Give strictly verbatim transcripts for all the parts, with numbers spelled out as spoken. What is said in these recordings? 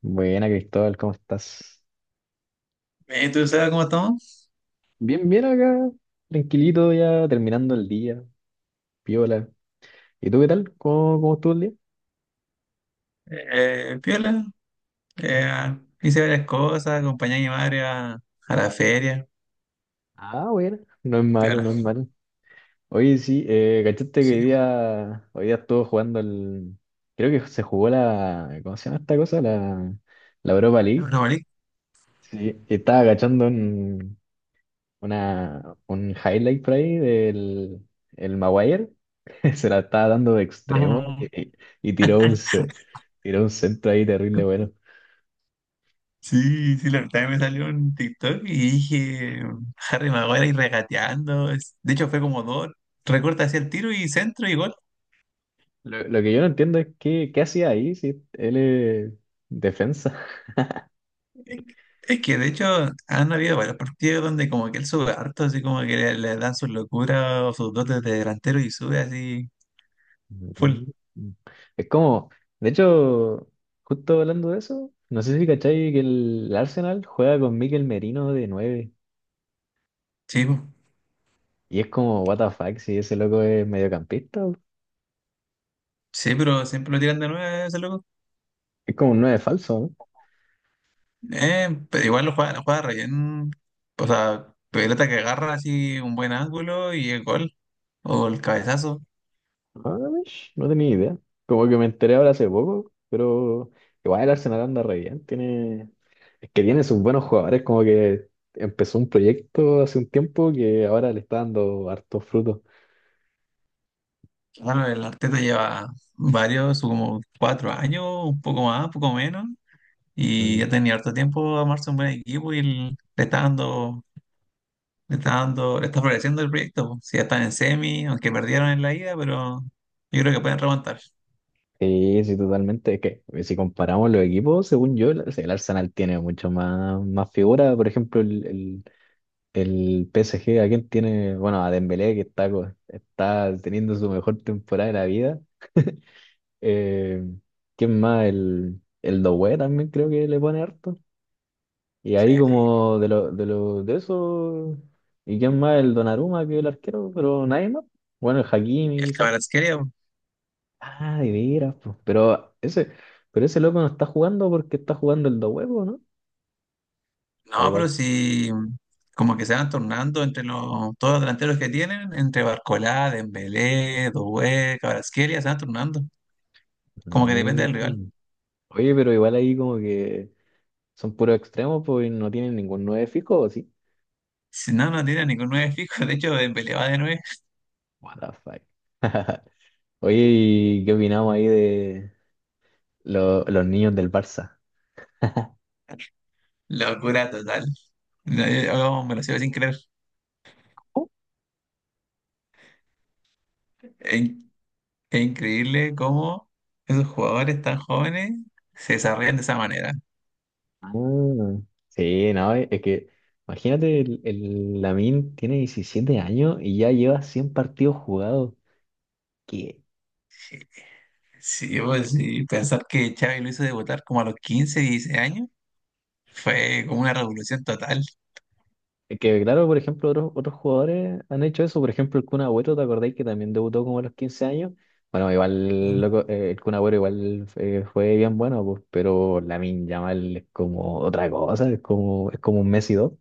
Buena, Cristóbal, ¿cómo estás? Eh, ¿Tú sabes cómo estamos? Bien, bien acá, tranquilito ya, terminando el día, piola. ¿Y tú qué tal? ¿Cómo, cómo estuvo el día? Eh, piola. Eh, hice varias cosas, acompañé a mi madre a, a la feria. Ah, bueno, no es malo, Piola. no es malo. Oye, sí, eh, cachaste que Sí, hoy día, hoy día estuvo jugando el... Creo que se jugó la... ¿Cómo se llama esta cosa? La, la Europa bueno. League. No, vale. Sí, estaba cachando un, una, un highlight por ahí del el Maguire. Se la estaba dando de extremo Ah, y, y- y tiró un, ce- tiró un centro ahí terrible. Bueno, sí, sí, la verdad me salió un TikTok y dije Harry Maguire y regateando. Es- De hecho, fue como dos. Recorta hacia el tiro y centro y gol. lo, lo que yo no entiendo es qué, qué hacía ahí si él es defensa. Es que, es que, de hecho han habido varios partidos donde como que él sube harto, así como que le, le dan sus locuras o sus dotes de delantero y sube así full. Mm. Es como, de hecho, justo hablando de eso, no sé si cachai que el Arsenal juega con Mikel Merino de nueve Sí, po. y es como, what the fuck, si ese loco es mediocampista. Sí, pero siempre lo tiran de nueve ese loco. Es como un nueve falso, ¿no? Eh, pero igual lo juega, lo juega re bien. O sea, pelota que agarra así un buen ángulo y el gol. O el cabezazo. Ah, mish, no tenía idea. Como que me enteré ahora hace poco, pero igual el Arsenal anda re bien, tiene. Es que tiene sus buenos jugadores, como que empezó un proyecto hace un tiempo que ahora le está dando hartos frutos. Bueno, el Arteta lleva varios, como cuatro años, un poco más, un poco menos. Y Mm. ya tenía harto tiempo a armarse un buen equipo y el- le está dando, le está dando, le está floreciendo el proyecto, po. Si ya están en semi, aunque perdieron en la ida, pero yo creo que pueden remontar. Sí, sí, totalmente. Es que eh, si comparamos los equipos, según yo, el el Arsenal tiene mucho más, más figura. Por ejemplo, el, el, el P S G, ¿a quién tiene? Bueno, a Dembélé, que está, co- está teniendo su mejor temporada de la vida. Eh, ¿quién más? El, el Doué también creo que le pone harto. Y Sí, ahí como de lo, de lo, de eso, ¿y quién más? El Donnarumma que el arquero, pero nadie más. Bueno, el Hakimi el quizás. Kvaratskhelia. Ah, de veras, pues. Pero ese, pero ese loco no está jugando porque está jugando el dos huevos, ¿no? O No, pero igual. si como que se van tornando entre los, todos los delanteros que tienen, entre Barcolá, Dembélé, Doué, Kvaratskhelia, se van tornando. Como que depende del rival. Mm. Oye, pero igual ahí como que son puros, extremos, pues y no tienen ningún nueve fijo, ¿o sí? Si no, no tiene ningún nueve fijo. De hecho, Dembélé va de nueve. What the fuck. Oye, ¿y qué opinamos ahí de lo- los niños del Barça? Locura total. No, yo- yo me lo sigo sin creer. Es, in- es increíble cómo esos jugadores tan jóvenes se desarrollan de esa manera. Ah, sí, no, es que imagínate, el, el Lamine tiene diecisiete años y ya lleva cien partidos jugados. Que, Sí, y- pues sí, pensar que Xavi lo hizo debutar como a los quince dieciséis años fue como una revolución total. que claro, por ejemplo, otros, otros jugadores han hecho eso. Por ejemplo, el Kun Agüero, ¿te acordáis que también debutó como a los quince años? Bueno, igual loco, eh, el Kun Agüero igual eh, fue bien bueno, pues, pero Lamine Yamal es como otra cosa, es como, es como un Messi dos.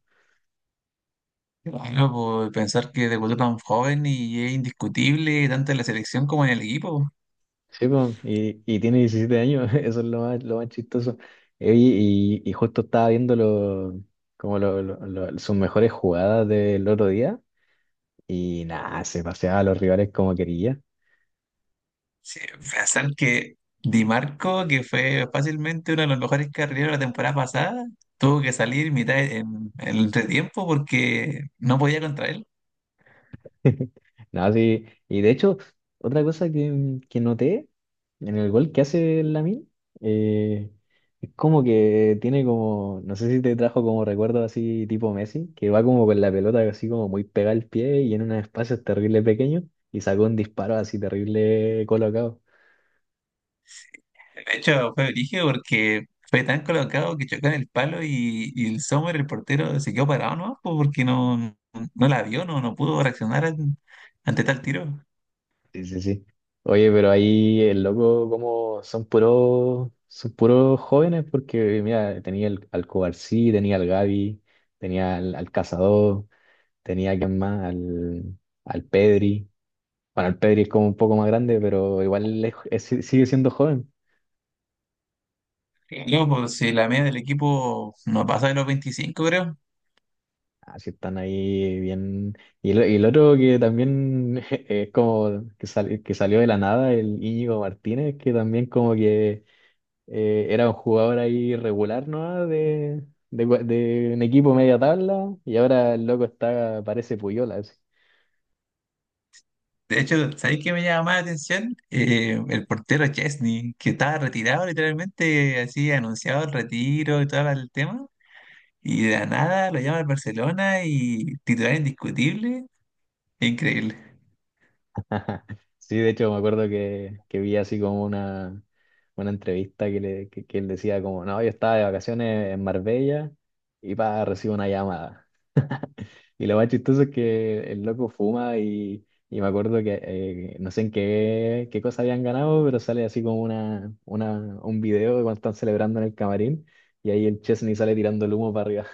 Bueno, pues, pensar que debutó tan joven y es indiscutible tanto en la selección como en el equipo. Sí, po, y, y tiene diecisiete años, eso es lo más, lo más chistoso. Eh, Y, y- y justo estaba viendo lo- como lo- lo- lo- sus mejores jugadas del otro día y nada, se paseaba a los rivales como quería. Sí, pensar que Di Marco, que fue fácilmente uno de los mejores carrileros la temporada pasada, tuvo que salir mitad de- en, en el entretiempo porque no podía contra él. No, sí. Y de hecho, otra cosa que, que noté en el gol que hace Lamine, eh, es como que tiene como, no sé si te trajo como recuerdo así tipo Messi, que va como con la pelota así como muy pegada al pie y en unos espacios terrible pequeños y sacó un disparo así terrible colocado. De hecho, fue brígido porque fue tan colocado que chocó en el palo y, y el Sommer, el portero, se quedó parado, ¿no? Porque no, no la vio, no, no pudo reaccionar an- ante tal tiro. Sí, sí, sí. Oye, pero ahí el loco como son puros, son puros jóvenes porque mira, tenía el, al Cobarsí, tenía al Gavi, tenía al, al Cazador. Tenía quien más, al, al Pedri. Bueno, el Pedri es como un poco más grande, pero igual es- es- si, sigue siendo joven. Loco, si la media del equipo no pasa de los veinticinco, creo. Así están ahí bien. Y el, y el otro que también es como que, sal- que salió de la nada, el Íñigo Martínez, que también como que eh, era un jugador ahí regular, ¿no? De, de, de un equipo media tabla, y ahora el loco está, parece Puyola. Así. De hecho, ¿sabéis qué me llama más la atención? Eh, el portero Chesney, que estaba retirado literalmente, así anunciado el retiro y todo el tema, y de la nada lo llama al Barcelona y titular indiscutible, increíble. Sí, de hecho me acuerdo que, que vi así como una, una entrevista que, le, que, que él decía como, no, yo estaba de vacaciones en Marbella y pa, recibo una llamada. Y lo más chistoso es que el loco fuma y, y me acuerdo que eh, no sé en qué, qué cosa habían ganado, pero sale así como una, una, un video de cuando están celebrando en el camarín y ahí el Chesney sale tirando el humo para arriba.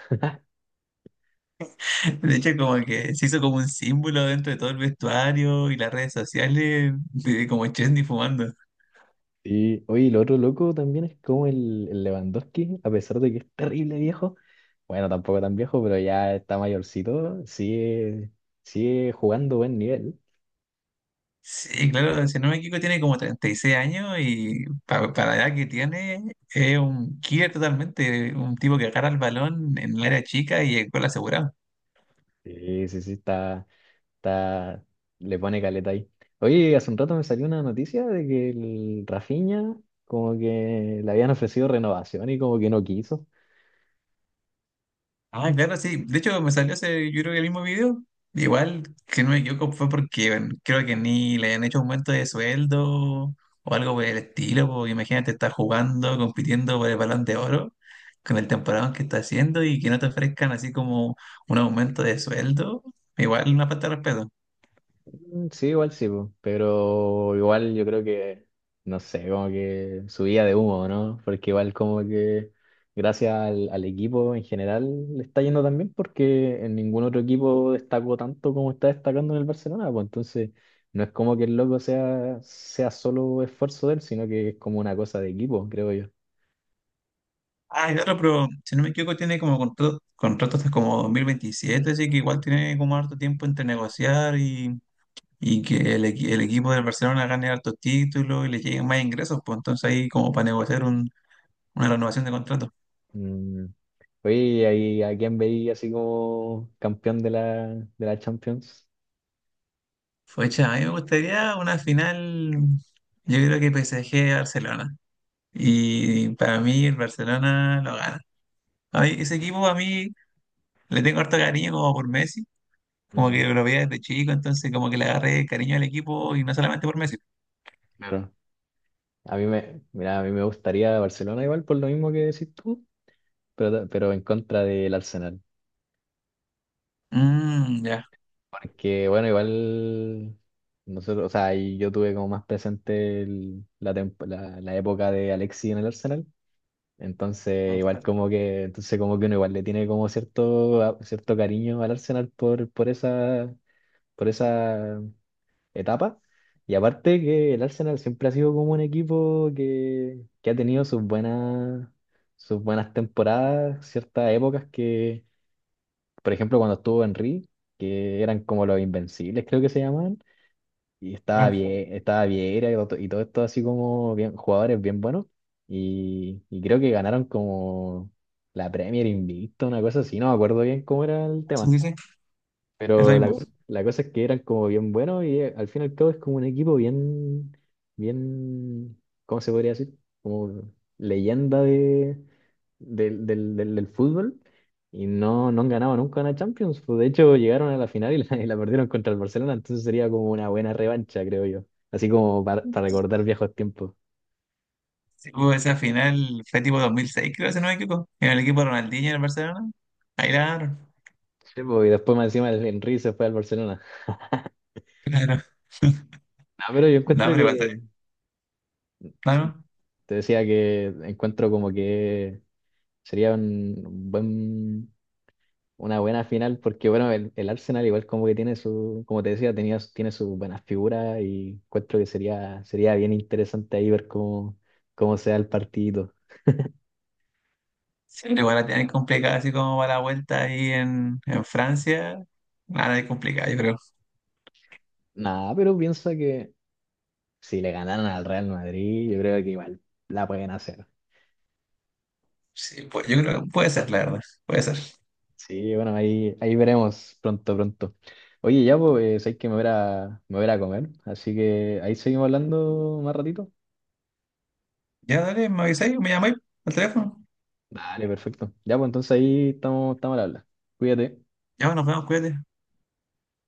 De hecho, como que se hizo como un símbolo dentro de todo el vestuario y las redes sociales, de como Chesney fumando. Sí, oye, y lo otro loco también es como el, el Lewandowski, a pesar de que es terrible viejo, bueno, tampoco tan viejo, pero ya está mayorcito, sigue, sigue jugando buen nivel. Sí, claro, si no me equivoco, tiene como treinta y seis años y pa- para la edad que tiene es un killer totalmente, un tipo que agarra el balón en el área chica y el gol asegurado. Sí, sí, sí, está, está, le pone caleta ahí. Oye, hace un rato me salió una noticia de que el Rafinha como que le habían ofrecido renovación y como que no quiso. Ah, claro, sí. De hecho, me salió ese, yo creo que el mismo video. Igual, que no me equivoco, fue porque bueno, creo que ni le habían hecho aumento de sueldo o algo por el estilo. Porque imagínate, estás jugando, compitiendo por el balón de oro con el temporada que está haciendo y que no te ofrezcan así como un aumento de sueldo. Igual una falta de respeto. Mm, sí, igual sí, po, pero igual yo creo que, no sé, como que subía de humo, ¿no? Porque igual como que gracias al, al equipo en general le está yendo también porque en ningún otro equipo destacó tanto como está destacando en el Barcelona, pues entonces no es como que el loco sea, sea solo esfuerzo de él, sino que es como una cosa de equipo, creo yo. Ah, claro, pero si no me equivoco, tiene como contrato, contrato hasta como dos mil veintisiete, así que igual tiene como harto tiempo entre negociar y, y que el, equi- el equipo del Barcelona gane hartos títulos y le lleguen más ingresos, pues entonces ahí como para negociar un- una renovación de contrato. Mm. Oye, ¿y ahí a quién veía así como campeón de la, de la Champions? Fecha, a mí me gustaría una final, yo creo que P S G-Barcelona. Y para mí el Barcelona lo gana. A mí, ese equipo a mí le tengo harto cariño como por Messi, como que Mm. lo veía desde chico, entonces como que le agarré cariño al equipo y no solamente por Messi. Claro. A mí me, mira, a mí me gustaría Barcelona igual por lo mismo que decís tú, pero, pero en contra del Arsenal. Mm, ya. Porque bueno, igual nosotros, o sea, y yo tuve como más presente el- la, temp- la, la época de Alexis en el Arsenal. Entonces, Mm, igual claro. como que, entonces como que uno igual le tiene como cierto, a- cierto cariño al Arsenal por, por esa, por esa etapa. Y aparte que el Arsenal siempre ha sido como un equipo que, que ha tenido sus buenas, sus buenas temporadas, ciertas épocas que, por ejemplo, cuando estuvo Henry, que eran como los invencibles, creo que se llamaban, y estaba Bueno, bien, estaba Vieira y todo, y todo esto así como bien, jugadores bien buenos. Y, y creo que ganaron como la Premier Invicta, una cosa así, no me acuerdo bien cómo era el sí, tema. sí, sí, es lo Pero la mismo. cosa, la cosa es que eran como bien buenos y eh, al fin y al cabo es como un equipo bien, bien, ¿cómo se podría decir? Como leyenda de, del, del, del, del fútbol y no, no han ganado nunca una Champions. Pues, de hecho, llegaron a la final y la, y la perdieron contra el Barcelona, entonces sería como una buena revancha, creo yo. Así como para, para recordar viejos tiempos. Sí, hubo esa final, fue tipo dos mil seis, creo, si no me equivoco, en el equipo de Ronaldinho en el Barcelona. Ahí la ganaron. Sí, pues, y después más encima el Henry se fue al Barcelona. Claro. No, pero yo No, encuentro pero igual que, también. Claro. te decía que encuentro como que sería un buen, una buena final porque, bueno, el, el Arsenal igual como que tiene su, como te decía, tenía, su- tiene sus buenas figuras y encuentro que sería, sería bien interesante ahí ver cómo, cómo se da el partido. Sí, pero igual la tienen complicada, así como va la vuelta ahí en, en Francia. Nada de complicada, yo creo. Nada, pero piensa que si le ganaran al Real Madrid, yo creo que igual la pueden hacer. Sí, pues, yo creo que puede ser, la verdad. Puede ser. Sí, bueno, ahí, ahí veremos pronto, pronto. Oye, ya pues, hay que me voy a, me voy a comer, así que ahí seguimos hablando más ratito. Ya, dale, me avisáis, me llamáis al teléfono. Vale, perfecto. Ya, pues entonces ahí estamos, estamos al habla. Cuídate. Ya, nos vemos, cuídate.